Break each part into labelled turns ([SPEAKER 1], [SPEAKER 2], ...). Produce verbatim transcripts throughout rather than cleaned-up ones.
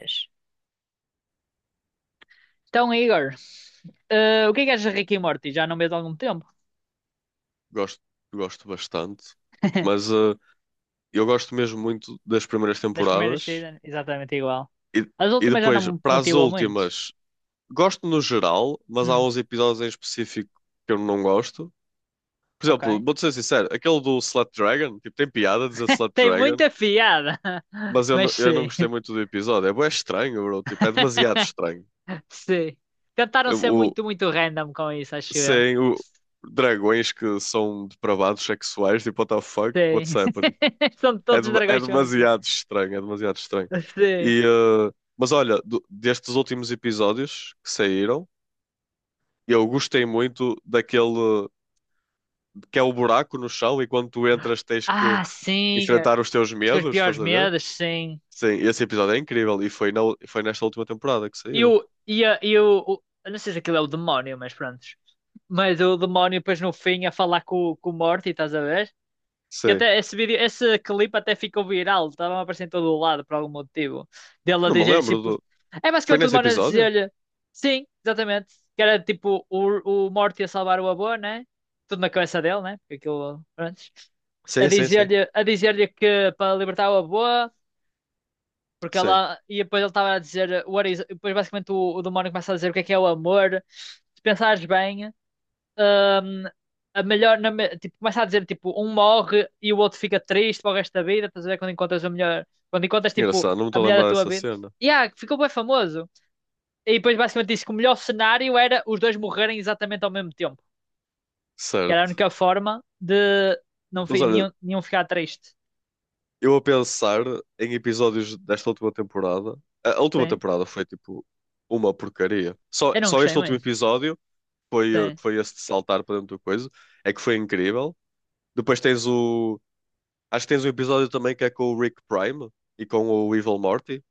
[SPEAKER 1] Yes. Então, Igor, eh, o que é que achas de Rick e Morty? Já não vês há algum tempo?
[SPEAKER 2] Gosto, gosto bastante, mas eh, eu gosto mesmo muito das primeiras
[SPEAKER 1] Das primeiras
[SPEAKER 2] temporadas
[SPEAKER 1] seasons, exatamente igual.
[SPEAKER 2] e,
[SPEAKER 1] As
[SPEAKER 2] e
[SPEAKER 1] últimas já não
[SPEAKER 2] depois
[SPEAKER 1] me
[SPEAKER 2] para as
[SPEAKER 1] motivam muito.
[SPEAKER 2] últimas, gosto no geral, mas há
[SPEAKER 1] Hum,
[SPEAKER 2] uns episódios em específico que eu não gosto. Por
[SPEAKER 1] ok.
[SPEAKER 2] exemplo, vou-te ser sincero, aquele do Slut Dragon, tipo, tem piada dizer Slut
[SPEAKER 1] Tem
[SPEAKER 2] Dragon,
[SPEAKER 1] muita piada,
[SPEAKER 2] mas eu,
[SPEAKER 1] mas
[SPEAKER 2] não- eu não
[SPEAKER 1] sim.
[SPEAKER 2] gostei muito do episódio. É, bué estranho, bro, tipo, é demasiado estranho.
[SPEAKER 1] Sim. Tentaram ser
[SPEAKER 2] O,
[SPEAKER 1] muito, muito random com isso, acho eu.
[SPEAKER 2] sem o dragões que são depravados sexuais, tipo, what the fuck, what's
[SPEAKER 1] Sim.
[SPEAKER 2] happening?
[SPEAKER 1] São
[SPEAKER 2] É,
[SPEAKER 1] todos
[SPEAKER 2] de-
[SPEAKER 1] os
[SPEAKER 2] é
[SPEAKER 1] dragões são assim.
[SPEAKER 2] demasiado estranho, é demasiado estranho.
[SPEAKER 1] Sim.
[SPEAKER 2] E, eh, mas olha, do- destes últimos episódios que saíram, eu gostei muito daquele que é o buraco no chão e quando tu entras tens que
[SPEAKER 1] Ah, sim. eh,
[SPEAKER 2] enfrentar os teus
[SPEAKER 1] Os teus
[SPEAKER 2] medos, estás
[SPEAKER 1] piores
[SPEAKER 2] a ver?
[SPEAKER 1] medos, sim.
[SPEAKER 2] Sim, esse episódio é incrível e foi, na, foi nesta última temporada que
[SPEAKER 1] E
[SPEAKER 2] saiu.
[SPEAKER 1] o. E, a- e o, o- Eu não sei se aquilo é o demónio, mas pronto. Mas o demónio depois no fim a falar com, com o Morty, estás a ver? Que
[SPEAKER 2] Sim,
[SPEAKER 1] até esse vídeo, esse clipe até ficou viral, estava a aparecer em todo o lado por algum motivo. Dele a
[SPEAKER 2] não me
[SPEAKER 1] dizer
[SPEAKER 2] lembro
[SPEAKER 1] simples.
[SPEAKER 2] do.
[SPEAKER 1] É
[SPEAKER 2] Foi
[SPEAKER 1] basicamente o
[SPEAKER 2] nesse
[SPEAKER 1] demónio a
[SPEAKER 2] episódio?
[SPEAKER 1] dizer-lhe, sim, exatamente. Que era tipo o, o Morty a salvar o avô, né? Tudo na cabeça dele, né? Porque aquilo antes. A
[SPEAKER 2] Sim, sim, sim.
[SPEAKER 1] dizer-lhe a dizer-lhe que para libertar o avô, porque
[SPEAKER 2] Sim,
[SPEAKER 1] ela. E depois ele estava a dizer. What is... Depois basicamente o, o demónio começa a dizer o que é que é o amor. Se pensares bem, hum, a melhor, na me- tipo, começa a dizer, tipo, um morre e o outro fica triste para o resto da vida, estás a ver? Quando encontras a melhor, quando encontras, tipo,
[SPEAKER 2] engraçado, não me
[SPEAKER 1] a
[SPEAKER 2] estou a
[SPEAKER 1] mulher da
[SPEAKER 2] lembrar
[SPEAKER 1] tua
[SPEAKER 2] dessa
[SPEAKER 1] vida.
[SPEAKER 2] cena.
[SPEAKER 1] E ah, ficou bem famoso. E depois basicamente disse que o melhor cenário era os dois morrerem exatamente ao mesmo tempo. Que era a
[SPEAKER 2] Certo.
[SPEAKER 1] única forma de não
[SPEAKER 2] Mas
[SPEAKER 1] fi-
[SPEAKER 2] olha,
[SPEAKER 1] nenhum, nenhum ficar triste.
[SPEAKER 2] eu a pensar em episódios desta última temporada. A a última
[SPEAKER 1] Sim.
[SPEAKER 2] temporada foi tipo uma porcaria. Só,
[SPEAKER 1] Eu não
[SPEAKER 2] só
[SPEAKER 1] gostei
[SPEAKER 2] este último
[SPEAKER 1] muito.
[SPEAKER 2] episódio foi, eh,
[SPEAKER 1] Sim.
[SPEAKER 2] que foi esse de saltar para dentro do coisa. É que foi incrível. Depois tens o. Acho que tens um episódio também que é com o Rick Prime e com o Evil Morty,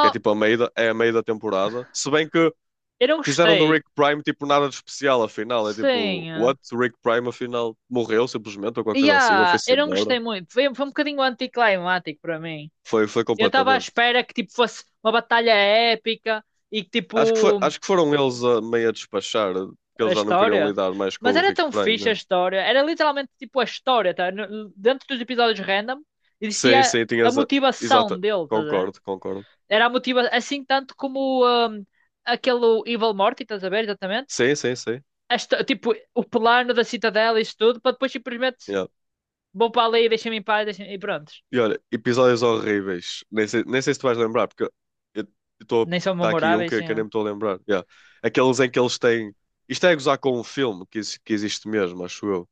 [SPEAKER 2] que é tipo a meio da, é a meio da temporada. Se bem que
[SPEAKER 1] eu não
[SPEAKER 2] fizeram do
[SPEAKER 1] gostei.
[SPEAKER 2] Rick Prime tipo nada de especial, afinal. É tipo,
[SPEAKER 1] Sim.
[SPEAKER 2] what? O Rick Prime afinal morreu simplesmente ou qualquer coisa assim, ou
[SPEAKER 1] Yeah,
[SPEAKER 2] foi-se
[SPEAKER 1] eu não
[SPEAKER 2] embora.
[SPEAKER 1] gostei muito. Foi, foi um bocadinho anticlimático para mim.
[SPEAKER 2] Foi, foi
[SPEAKER 1] Eu estava à
[SPEAKER 2] completamente.
[SPEAKER 1] espera que tipo fosse uma batalha épica e que tipo
[SPEAKER 2] Acho que, foi, acho que foram eles a meio a despachar, porque
[SPEAKER 1] a
[SPEAKER 2] eles já não queriam
[SPEAKER 1] história.
[SPEAKER 2] lidar mais com
[SPEAKER 1] Mas
[SPEAKER 2] o
[SPEAKER 1] era
[SPEAKER 2] Rick
[SPEAKER 1] tão
[SPEAKER 2] Prime.
[SPEAKER 1] fixe a
[SPEAKER 2] Yeah.
[SPEAKER 1] história. Era literalmente tipo a história, tá? No- Dentro dos episódios random
[SPEAKER 2] Sim,
[SPEAKER 1] existia
[SPEAKER 2] sim,
[SPEAKER 1] a
[SPEAKER 2] tinhas. a-
[SPEAKER 1] motivação
[SPEAKER 2] Exata.
[SPEAKER 1] dele, tá a ver?
[SPEAKER 2] Concordo, concordo.
[SPEAKER 1] Era a motivação, assim tanto como hum, aquele Evil Morty, estás a ver, exatamente?
[SPEAKER 2] Sim, sim, sim.
[SPEAKER 1] A histó- tipo, o plano da cidadela e isso tudo, para depois simplesmente
[SPEAKER 2] Yeah.
[SPEAKER 1] vou para ali e deixa-me em paz deixa-me- e pronto.
[SPEAKER 2] E olha, episódios horríveis. Nem sei, nem sei se tu vais lembrar, porque eu estou.
[SPEAKER 1] Nem são
[SPEAKER 2] Está aqui um
[SPEAKER 1] memoráveis,
[SPEAKER 2] que,
[SPEAKER 1] assim,
[SPEAKER 2] que eu nem me estou a lembrar. Yeah. Aqueles em que eles têm. Isto é gozar com um filme que, exi- que existe mesmo, acho eu.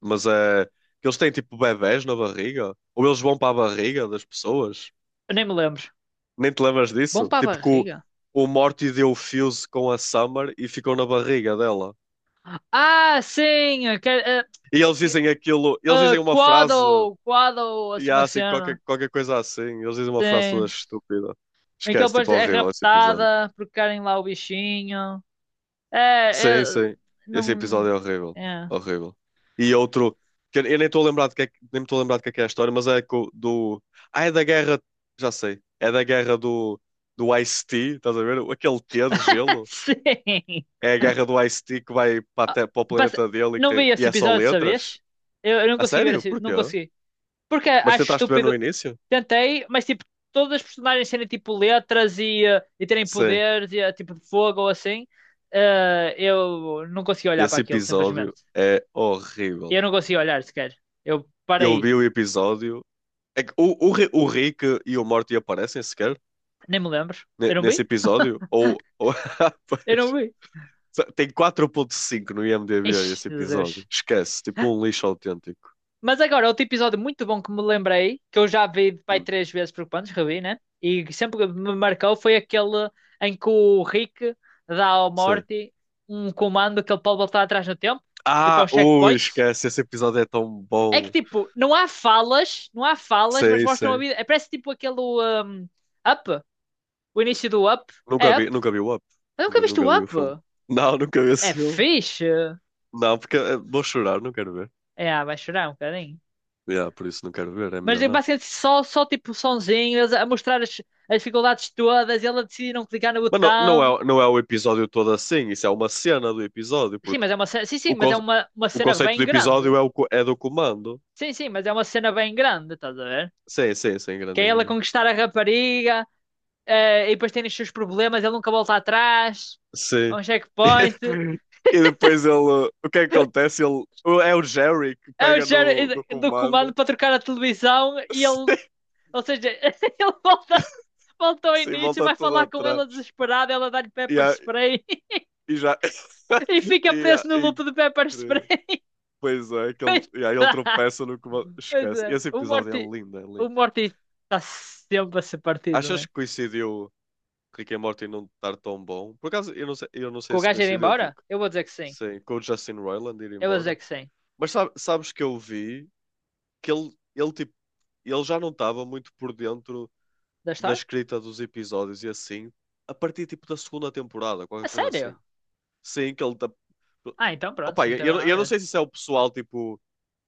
[SPEAKER 2] Mas é. Que eles têm tipo bebés na barriga? Ou eles vão para a barriga das pessoas?
[SPEAKER 1] eu nem me lembro.
[SPEAKER 2] Nem te lembras
[SPEAKER 1] Bom
[SPEAKER 2] disso?
[SPEAKER 1] para a
[SPEAKER 2] Tipo que o,
[SPEAKER 1] barriga.
[SPEAKER 2] o Morty deu o fuse com a Summer e ficou na barriga dela.
[SPEAKER 1] Ah, sim! eh,
[SPEAKER 2] E eles dizem aquilo, eles
[SPEAKER 1] Uh,
[SPEAKER 2] dizem uma frase,
[SPEAKER 1] Quaddle, Quaddle,
[SPEAKER 2] e
[SPEAKER 1] assim
[SPEAKER 2] há
[SPEAKER 1] uma
[SPEAKER 2] assim,
[SPEAKER 1] cena.
[SPEAKER 2] qualquer, qualquer coisa assim. Eles dizem uma frase toda
[SPEAKER 1] Sim.
[SPEAKER 2] estúpida.
[SPEAKER 1] Em que ele
[SPEAKER 2] Esquece,
[SPEAKER 1] depois
[SPEAKER 2] tipo,
[SPEAKER 1] é
[SPEAKER 2] horrível esse episódio.
[SPEAKER 1] raptada porque querem lá o bichinho. É, é,
[SPEAKER 2] Sim, sim. Esse
[SPEAKER 1] não.
[SPEAKER 2] episódio é horrível.
[SPEAKER 1] É.
[SPEAKER 2] Horrível. E outro, que eu eu nem estou a lembrar de que é, que- nem me estou a lembrar de que é, que é a história, mas é co- do. Ah, é da guerra. Já sei. É da guerra do, do Ice-T, estás a ver? Aquele T de gelo.
[SPEAKER 1] Sim.
[SPEAKER 2] É a guerra do Ice-T que vai para, a
[SPEAKER 1] Ah,
[SPEAKER 2] te- para o
[SPEAKER 1] passa-
[SPEAKER 2] planeta dele e, que
[SPEAKER 1] não
[SPEAKER 2] tem-
[SPEAKER 1] vi
[SPEAKER 2] e
[SPEAKER 1] esse
[SPEAKER 2] é só
[SPEAKER 1] episódio,
[SPEAKER 2] letras?
[SPEAKER 1] sabes? Eu, eu não
[SPEAKER 2] A
[SPEAKER 1] consegui ver
[SPEAKER 2] sério?
[SPEAKER 1] esse,
[SPEAKER 2] Porquê?
[SPEAKER 1] não consegui. Porque
[SPEAKER 2] Mas
[SPEAKER 1] acho
[SPEAKER 2] tentaste ver no
[SPEAKER 1] estúpido.
[SPEAKER 2] início?
[SPEAKER 1] Tentei, mas tipo, todas as personagens terem tipo letras e, eh, e terem
[SPEAKER 2] Sim.
[SPEAKER 1] poderes, e, eh, tipo de fogo ou assim, eh, eu não consegui olhar para
[SPEAKER 2] Esse
[SPEAKER 1] aquilo,
[SPEAKER 2] episódio
[SPEAKER 1] simplesmente.
[SPEAKER 2] é horrível.
[SPEAKER 1] Eu não consegui olhar sequer. Eu
[SPEAKER 2] Eu
[SPEAKER 1] parei,
[SPEAKER 2] vi o episódio. É que o, o, Ri- o Rick e o Morty aparecem sequer
[SPEAKER 1] nem me lembro. Eu
[SPEAKER 2] ne-
[SPEAKER 1] não
[SPEAKER 2] nesse
[SPEAKER 1] vi?
[SPEAKER 2] episódio? Ou. ou...
[SPEAKER 1] Eu não
[SPEAKER 2] Pois.
[SPEAKER 1] vi.
[SPEAKER 2] Só- Tem quatro ponto cinco no IMDb
[SPEAKER 1] Ixi,
[SPEAKER 2] esse episódio.
[SPEAKER 1] Jesus.
[SPEAKER 2] Esquece. Tipo um lixo autêntico.
[SPEAKER 1] Mas agora, outro episódio muito bom que me lembrei, que eu já vi pai
[SPEAKER 2] Hum.
[SPEAKER 1] três vezes por quantos, revi, né? E que sempre que me marcou foi aquele em que o Rick dá ao
[SPEAKER 2] Sim.
[SPEAKER 1] Morty um comando que ele pode voltar atrás no tempo, tipo
[SPEAKER 2] Ah,
[SPEAKER 1] aos
[SPEAKER 2] ui,
[SPEAKER 1] checkpoints.
[SPEAKER 2] esquece. Esse episódio é tão
[SPEAKER 1] É que
[SPEAKER 2] bom.
[SPEAKER 1] tipo, não há falas, não há falas, mas
[SPEAKER 2] Sim,
[SPEAKER 1] mostram a
[SPEAKER 2] sim.
[SPEAKER 1] vida. É, parece tipo aquele um, Up, o início do Up.
[SPEAKER 2] Nunca
[SPEAKER 1] É
[SPEAKER 2] vi,
[SPEAKER 1] Up?
[SPEAKER 2] nunca vi o Up.
[SPEAKER 1] Eu nunca
[SPEAKER 2] Nunca,
[SPEAKER 1] viste
[SPEAKER 2] nunca
[SPEAKER 1] o
[SPEAKER 2] vi o
[SPEAKER 1] Up?
[SPEAKER 2] filme. Não, nunca vi esse
[SPEAKER 1] É
[SPEAKER 2] filme.
[SPEAKER 1] fixe.
[SPEAKER 2] Não, porque eh, vou chorar, não quero ver.
[SPEAKER 1] É, vai chorar um bocadinho.
[SPEAKER 2] Yeah, por isso não quero ver, é
[SPEAKER 1] Mas
[SPEAKER 2] melhor
[SPEAKER 1] é
[SPEAKER 2] não.
[SPEAKER 1] basicamente só, só tipo sonzinho, eles a mostrar as, as dificuldades todas, e ela decide não clicar no
[SPEAKER 2] Mas não,
[SPEAKER 1] botão.
[SPEAKER 2] não é, não é o episódio todo assim, isso é uma cena do episódio,
[SPEAKER 1] Sim,
[SPEAKER 2] porque
[SPEAKER 1] mas é uma cena, sim, sim,
[SPEAKER 2] o,
[SPEAKER 1] mas é
[SPEAKER 2] conce-
[SPEAKER 1] uma, uma
[SPEAKER 2] o
[SPEAKER 1] cena
[SPEAKER 2] conceito
[SPEAKER 1] bem
[SPEAKER 2] do
[SPEAKER 1] grande.
[SPEAKER 2] episódio é, o, co- é do comando.
[SPEAKER 1] Sim, sim, mas é uma cena bem grande, estás a ver?
[SPEAKER 2] Sim, sim, sim,
[SPEAKER 1] Que é ela
[SPEAKER 2] grandinho.
[SPEAKER 1] conquistar a rapariga, eh, e depois tem os seus problemas, ele nunca volta atrás. É
[SPEAKER 2] Sim.
[SPEAKER 1] um checkpoint.
[SPEAKER 2] E depois ele. O que é que acontece? Ele, o- é o Jerry que
[SPEAKER 1] É o
[SPEAKER 2] pega no,
[SPEAKER 1] Jared
[SPEAKER 2] no
[SPEAKER 1] do comando
[SPEAKER 2] comando.
[SPEAKER 1] para trocar a televisão e ele, ou seja, ele volta, volta, ao
[SPEAKER 2] Sim, sim,
[SPEAKER 1] início,
[SPEAKER 2] volta
[SPEAKER 1] vai
[SPEAKER 2] tudo
[SPEAKER 1] falar com ela
[SPEAKER 2] atrás.
[SPEAKER 1] desesperada, ela dá-lhe pepper spray.
[SPEAKER 2] E já.
[SPEAKER 1] E fica
[SPEAKER 2] E, ah,
[SPEAKER 1] preso no loop do Pepper Spray.
[SPEAKER 2] incrível. Pois é, que ele,
[SPEAKER 1] Pois
[SPEAKER 2] e aí ele
[SPEAKER 1] tá.
[SPEAKER 2] tropeça no que
[SPEAKER 1] Pois
[SPEAKER 2] Esquece.
[SPEAKER 1] é,
[SPEAKER 2] Esse
[SPEAKER 1] o
[SPEAKER 2] episódio é
[SPEAKER 1] Morty,
[SPEAKER 2] lindo, é
[SPEAKER 1] o
[SPEAKER 2] lindo.
[SPEAKER 1] Morty está sempre a ser partido,
[SPEAKER 2] Achas
[SPEAKER 1] né?
[SPEAKER 2] que coincidiu Rick and Morty não estar tão bom? Por acaso, eu não sei, eu não
[SPEAKER 1] Com
[SPEAKER 2] sei
[SPEAKER 1] o
[SPEAKER 2] se
[SPEAKER 1] gajo ir
[SPEAKER 2] coincidiu,
[SPEAKER 1] embora?
[SPEAKER 2] porque
[SPEAKER 1] Eu vou dizer que sim.
[SPEAKER 2] sim, com o Justin Roiland ir
[SPEAKER 1] Eu vou dizer
[SPEAKER 2] embora.
[SPEAKER 1] que sim.
[SPEAKER 2] Mas sabe- sabes que eu vi que ele, ele, tipo, ele já não estava muito por dentro
[SPEAKER 1] Da
[SPEAKER 2] da
[SPEAKER 1] história?
[SPEAKER 2] escrita dos episódios e assim, a partir tipo da segunda temporada,
[SPEAKER 1] A
[SPEAKER 2] qualquer coisa
[SPEAKER 1] sério?
[SPEAKER 2] assim. Sim, que ele. tá-
[SPEAKER 1] Ah, então pronto,
[SPEAKER 2] Opa,
[SPEAKER 1] não teve
[SPEAKER 2] eu,
[SPEAKER 1] nada a
[SPEAKER 2] eu não
[SPEAKER 1] ver.
[SPEAKER 2] sei se isso é o pessoal, tipo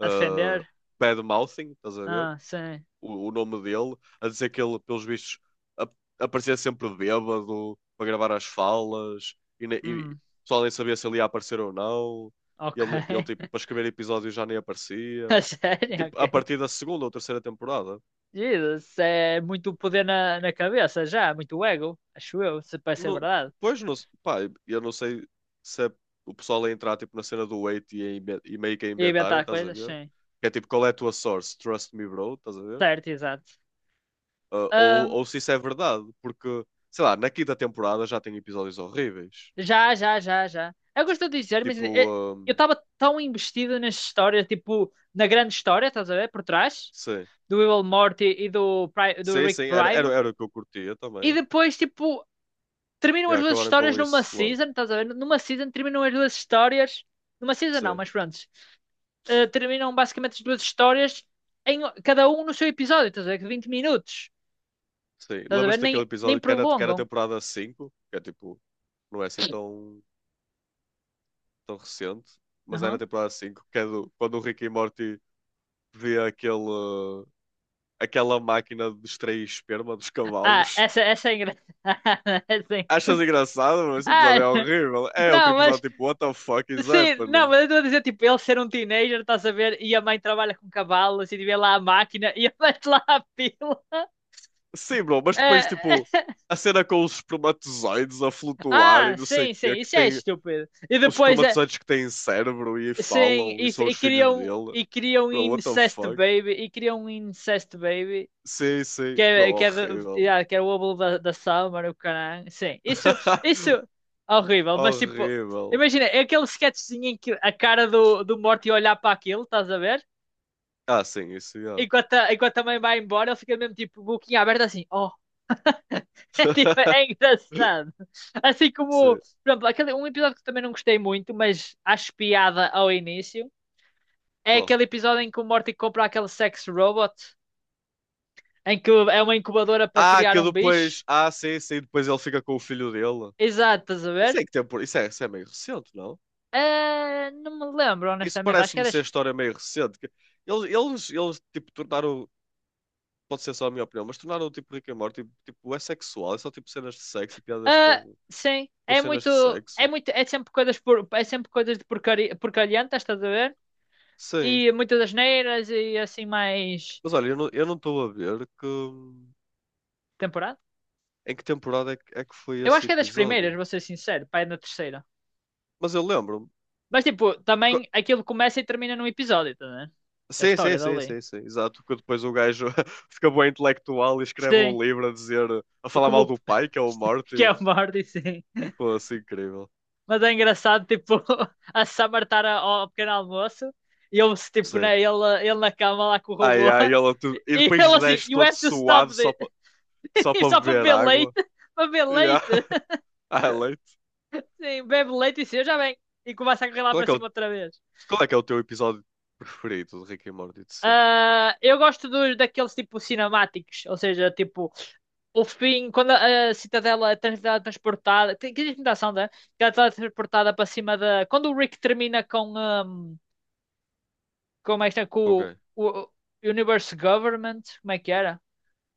[SPEAKER 1] A
[SPEAKER 2] uh,
[SPEAKER 1] defender?
[SPEAKER 2] bad-mouthing, estás a ver?
[SPEAKER 1] Ah, sim.
[SPEAKER 2] O, o nome dele, a dizer que ele, pelos vistos, ap- aparecia sempre bêbado para gravar as falas e, ne- e
[SPEAKER 1] Hum,
[SPEAKER 2] o pessoal nem sabia se ele ia aparecer ou não.
[SPEAKER 1] ok.
[SPEAKER 2] Ele, ele tipo, para escrever episódios já nem
[SPEAKER 1] A
[SPEAKER 2] aparecia.
[SPEAKER 1] sério,
[SPEAKER 2] Tipo, a
[SPEAKER 1] ok.
[SPEAKER 2] partir da segunda ou terceira temporada.
[SPEAKER 1] Jesus, é muito poder na, na cabeça já, muito ego, acho eu, se parece ser
[SPEAKER 2] Não,
[SPEAKER 1] verdade.
[SPEAKER 2] pois, não, se- pá, eu não sei se é o pessoal a entrar tipo, na cena do Wait e, a inven- e meio que a
[SPEAKER 1] E
[SPEAKER 2] inventarem,
[SPEAKER 1] inventar
[SPEAKER 2] estás a
[SPEAKER 1] coisas,
[SPEAKER 2] ver?
[SPEAKER 1] sim.
[SPEAKER 2] Que é tipo, qual é a tua source? Trust me, bro, estás a ver?
[SPEAKER 1] Certo, exato.
[SPEAKER 2] Uh, ou,
[SPEAKER 1] Ahm,
[SPEAKER 2] ou se isso é verdade, porque, sei lá, na quinta temporada já tem episódios horríveis.
[SPEAKER 1] Já, já, já, já. Eu gosto de dizer, mas
[SPEAKER 2] Tipo,
[SPEAKER 1] eh, eu
[SPEAKER 2] um,
[SPEAKER 1] estava tão investido nessa história, tipo, na grande história, estás a ver, por trás,
[SPEAKER 2] sim,
[SPEAKER 1] do Will Morty e do, Pri- do
[SPEAKER 2] sim,
[SPEAKER 1] Rick
[SPEAKER 2] sim, era, era,
[SPEAKER 1] Prime,
[SPEAKER 2] era o que eu curtia
[SPEAKER 1] e
[SPEAKER 2] também. E
[SPEAKER 1] depois, tipo, terminam
[SPEAKER 2] yeah,
[SPEAKER 1] as duas
[SPEAKER 2] acabaram com
[SPEAKER 1] histórias numa
[SPEAKER 2] isso logo.
[SPEAKER 1] season, estás a ver? Numa season terminam as duas histórias, numa season não,
[SPEAKER 2] Sim,
[SPEAKER 1] mas pronto, Eh, terminam basicamente as duas histórias, em cada um no seu episódio, estás a ver, de vinte minutos,
[SPEAKER 2] sim.
[SPEAKER 1] estás a ver?
[SPEAKER 2] Lembras-te
[SPEAKER 1] Nem,
[SPEAKER 2] daquele
[SPEAKER 1] nem
[SPEAKER 2] episódio que é na, que é na
[SPEAKER 1] prolongam.
[SPEAKER 2] temporada cinco que é tipo, não é assim tão, tão recente, mas é na
[SPEAKER 1] Uhum.
[SPEAKER 2] temporada cinco que é do, quando o Rick e Morty vê aquele, uh, aquela máquina de extrair esperma dos
[SPEAKER 1] Ah,
[SPEAKER 2] cavalos.
[SPEAKER 1] essa, essa é engraçada. Essa é-
[SPEAKER 2] Achas engraçado, mas esse episódio
[SPEAKER 1] Ah,
[SPEAKER 2] é horrível. É outro
[SPEAKER 1] não, mas
[SPEAKER 2] episódio tipo, what the fuck is
[SPEAKER 1] sim, não,
[SPEAKER 2] happening?
[SPEAKER 1] mas eu estou a dizer, tipo, ele ser um teenager, estás a ver? E a mãe trabalha com cavalos e vê lá a máquina e ele mete lá a pila.
[SPEAKER 2] Sim, bro, mas
[SPEAKER 1] É,
[SPEAKER 2] depois, tipo,
[SPEAKER 1] é.
[SPEAKER 2] a cena com os espermatozoides a flutuar e
[SPEAKER 1] Ah,
[SPEAKER 2] não sei o
[SPEAKER 1] sim, sim,
[SPEAKER 2] quê, que
[SPEAKER 1] isso é
[SPEAKER 2] tem
[SPEAKER 1] estúpido. E
[SPEAKER 2] os
[SPEAKER 1] depois, é,
[SPEAKER 2] espermatozoides que têm cérebro e
[SPEAKER 1] sim,
[SPEAKER 2] falam
[SPEAKER 1] e,
[SPEAKER 2] e
[SPEAKER 1] f-
[SPEAKER 2] são os
[SPEAKER 1] e
[SPEAKER 2] filhos
[SPEAKER 1] criam,
[SPEAKER 2] dele.
[SPEAKER 1] e criam um
[SPEAKER 2] Bro, what the
[SPEAKER 1] incest
[SPEAKER 2] fuck?
[SPEAKER 1] baby, e criam um incest baby,
[SPEAKER 2] Sim, sim,
[SPEAKER 1] que
[SPEAKER 2] bro,
[SPEAKER 1] é, que é, de-
[SPEAKER 2] horrível.
[SPEAKER 1] yeah, que é o óvulo da, da Summer, o caralho. Sim, isso, isso é horrível, mas tipo,
[SPEAKER 2] Horrível.
[SPEAKER 1] imagina, é aquele sketchzinho em que a cara do, do Morty olhar para aquilo, estás a ver?
[SPEAKER 2] Ah, sim, isso, yeah.
[SPEAKER 1] Enquanto a, enquanto a mãe vai embora, ele fica mesmo tipo, boquinha aberta assim, oh. É, tipo, é engraçado. Assim como,
[SPEAKER 2] Sim,
[SPEAKER 1] por exemplo, aquele, um episódio que também não gostei muito, mas acho piada ao início, é
[SPEAKER 2] qual?
[SPEAKER 1] aquele episódio em que o Morty compra aquele sex robot, em que é uma incubadora para
[SPEAKER 2] Ah,
[SPEAKER 1] criar
[SPEAKER 2] que
[SPEAKER 1] um bicho.
[SPEAKER 2] depois. Ah, sim, sim, depois ele fica com o filho dele.
[SPEAKER 1] Exato, estás a
[SPEAKER 2] Isso é
[SPEAKER 1] ver?
[SPEAKER 2] que tem por... isso é, isso é meio recente, não?
[SPEAKER 1] Ah, não me lembro,
[SPEAKER 2] Isso
[SPEAKER 1] honestamente. Acho que é
[SPEAKER 2] parece-me
[SPEAKER 1] das.
[SPEAKER 2] ser história meio recente. que- Eles, eles, eles tipo, tornaram pode ser só a minha opinião, mas tornaram tipo Rick and Morty, tipo, tipo, é sexual, é só tipo cenas de sexo e piadas
[SPEAKER 1] Ah,
[SPEAKER 2] com,
[SPEAKER 1] sim,
[SPEAKER 2] com
[SPEAKER 1] é
[SPEAKER 2] cenas
[SPEAKER 1] muito.
[SPEAKER 2] de
[SPEAKER 1] É
[SPEAKER 2] sexo.
[SPEAKER 1] muito. É sempre coisas por, é sempre coisas de porcaria, porcalhantas, estás a ver?
[SPEAKER 2] Sim,
[SPEAKER 1] E muitas asneiras e assim mais
[SPEAKER 2] mas olha, eu não eu não estou a ver que,
[SPEAKER 1] temporada.
[SPEAKER 2] em que temporada é que, é que foi
[SPEAKER 1] Eu
[SPEAKER 2] esse
[SPEAKER 1] acho que é das primeiras,
[SPEAKER 2] episódio.
[SPEAKER 1] vou ser sincero, pá, é na terceira.
[SPEAKER 2] Mas eu lembro-me.
[SPEAKER 1] Mas tipo,
[SPEAKER 2] Co-
[SPEAKER 1] também aquilo começa e termina num episódio, tá vendo? Da
[SPEAKER 2] Sim, sim,
[SPEAKER 1] história
[SPEAKER 2] sim,
[SPEAKER 1] dali.
[SPEAKER 2] sim, sim, exato, porque depois o gajo fica bem intelectual e escreve um
[SPEAKER 1] Sim,
[SPEAKER 2] livro a dizer, a falar mal
[SPEAKER 1] como
[SPEAKER 2] do pai, que é o
[SPEAKER 1] que
[SPEAKER 2] Morty.
[SPEAKER 1] é o Morty, sim.
[SPEAKER 2] Pô, assim, incrível.
[SPEAKER 1] Mas é engraçado, tipo, a Summer estar a- ao pequeno almoço e ele, tipo,
[SPEAKER 2] Sim.
[SPEAKER 1] né, ele, ele na cama lá com o
[SPEAKER 2] Ai,
[SPEAKER 1] robô
[SPEAKER 2] ai, ela tu... e
[SPEAKER 1] e
[SPEAKER 2] depois
[SPEAKER 1] ele assim,
[SPEAKER 2] desce
[SPEAKER 1] you
[SPEAKER 2] todo
[SPEAKER 1] have to
[SPEAKER 2] suado
[SPEAKER 1] stop
[SPEAKER 2] só
[SPEAKER 1] this.
[SPEAKER 2] para só
[SPEAKER 1] E
[SPEAKER 2] para
[SPEAKER 1] só para
[SPEAKER 2] beber
[SPEAKER 1] beber leite,
[SPEAKER 2] água.
[SPEAKER 1] para beber
[SPEAKER 2] Yeah.
[SPEAKER 1] leite.
[SPEAKER 2] Ah, leite.
[SPEAKER 1] Sim, bebe leite e seja bem. E começa a correr lá
[SPEAKER 2] Qual é
[SPEAKER 1] para
[SPEAKER 2] que é o
[SPEAKER 1] cima outra vez.
[SPEAKER 2] Qual é que é o teu episódio preferido de Rick and Morty de sempre?
[SPEAKER 1] Ah, eu gosto dos, daqueles tipo cinemáticos, ou seja, tipo o fim, quando a, a Citadela é trans- tem que que tentação, né? Que ela é transportada para cima da. Quando o Rick termina com, um, com, esta, com
[SPEAKER 2] Ok.
[SPEAKER 1] o, o Universe Government, como é que era?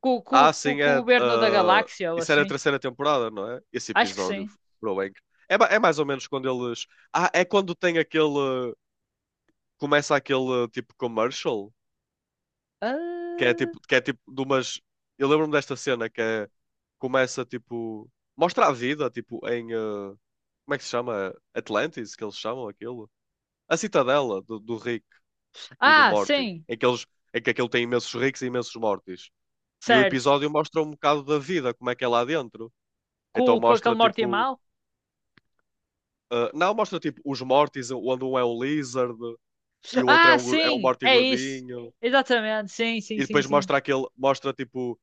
[SPEAKER 1] Com, com,
[SPEAKER 2] Ah,
[SPEAKER 1] com,
[SPEAKER 2] sim,
[SPEAKER 1] com o
[SPEAKER 2] é.
[SPEAKER 1] governo da
[SPEAKER 2] ah,
[SPEAKER 1] galáxia ou
[SPEAKER 2] isso era a
[SPEAKER 1] assim?
[SPEAKER 2] terceira temporada, não é? Esse
[SPEAKER 1] Acho que
[SPEAKER 2] episódio,
[SPEAKER 1] sim.
[SPEAKER 2] bro, é, inc- é, ma- é mais ou menos quando eles. Ah, é quando tem aquele. Começa aquele tipo commercial, que é
[SPEAKER 1] Ah,
[SPEAKER 2] tipo, que é tipo de umas. Eu lembro-me desta cena que é. Começa tipo. Mostra a vida, tipo, em. ah, como é que se chama? Atlantis, que eles chamam aquilo? A citadela do, do Rick e do
[SPEAKER 1] ah,
[SPEAKER 2] Morty,
[SPEAKER 1] sim,
[SPEAKER 2] em que eles. Em que aquilo tem imensos ricos e imensos mortis. E o
[SPEAKER 1] certo.
[SPEAKER 2] episódio mostra um bocado da vida, como é que é lá dentro.
[SPEAKER 1] Com,
[SPEAKER 2] Então
[SPEAKER 1] com aquele
[SPEAKER 2] mostra
[SPEAKER 1] Morty
[SPEAKER 2] tipo.
[SPEAKER 1] mal?
[SPEAKER 2] ah, não, mostra tipo os Mortys, onde um é um lizard e o outro é
[SPEAKER 1] Ah,
[SPEAKER 2] um, gor- é um
[SPEAKER 1] sim,
[SPEAKER 2] Morty
[SPEAKER 1] é isso.
[SPEAKER 2] gordinho.
[SPEAKER 1] Exatamente, sim, sim,
[SPEAKER 2] E
[SPEAKER 1] sim,
[SPEAKER 2] depois
[SPEAKER 1] sim.
[SPEAKER 2] mostra aquele. Mostra tipo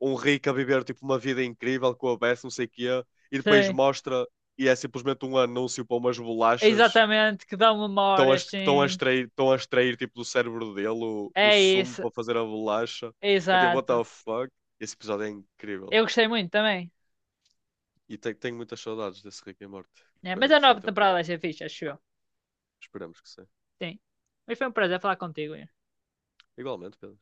[SPEAKER 2] um rico a viver tipo uma vida incrível com a Beth, não sei o quê. E depois
[SPEAKER 1] Sim.
[SPEAKER 2] mostra. E é simplesmente um anúncio para umas bolachas que
[SPEAKER 1] Exatamente, que dão
[SPEAKER 2] estão a,
[SPEAKER 1] memórias,
[SPEAKER 2] est- que estão a
[SPEAKER 1] sim.
[SPEAKER 2] extrair, estão a extrair tipo do cérebro dele o, o
[SPEAKER 1] É
[SPEAKER 2] sumo
[SPEAKER 1] isso,
[SPEAKER 2] para fazer a bolacha. É tipo, what
[SPEAKER 1] exato.
[SPEAKER 2] the fuck? Esse episódio é incrível.
[SPEAKER 1] Eu gostei muito também.
[SPEAKER 2] E te- tenho muitas saudades desse Rick and Morty. Que
[SPEAKER 1] Né?
[SPEAKER 2] foi
[SPEAKER 1] Mas
[SPEAKER 2] na
[SPEAKER 1] a
[SPEAKER 2] terceira
[SPEAKER 1] nova temporada
[SPEAKER 2] temporada.
[SPEAKER 1] vai ser fixe, acho eu.
[SPEAKER 2] Esperamos que sim.
[SPEAKER 1] Sim. Mas foi um prazer falar contigo. Ian.
[SPEAKER 2] Igualmente, Pedro.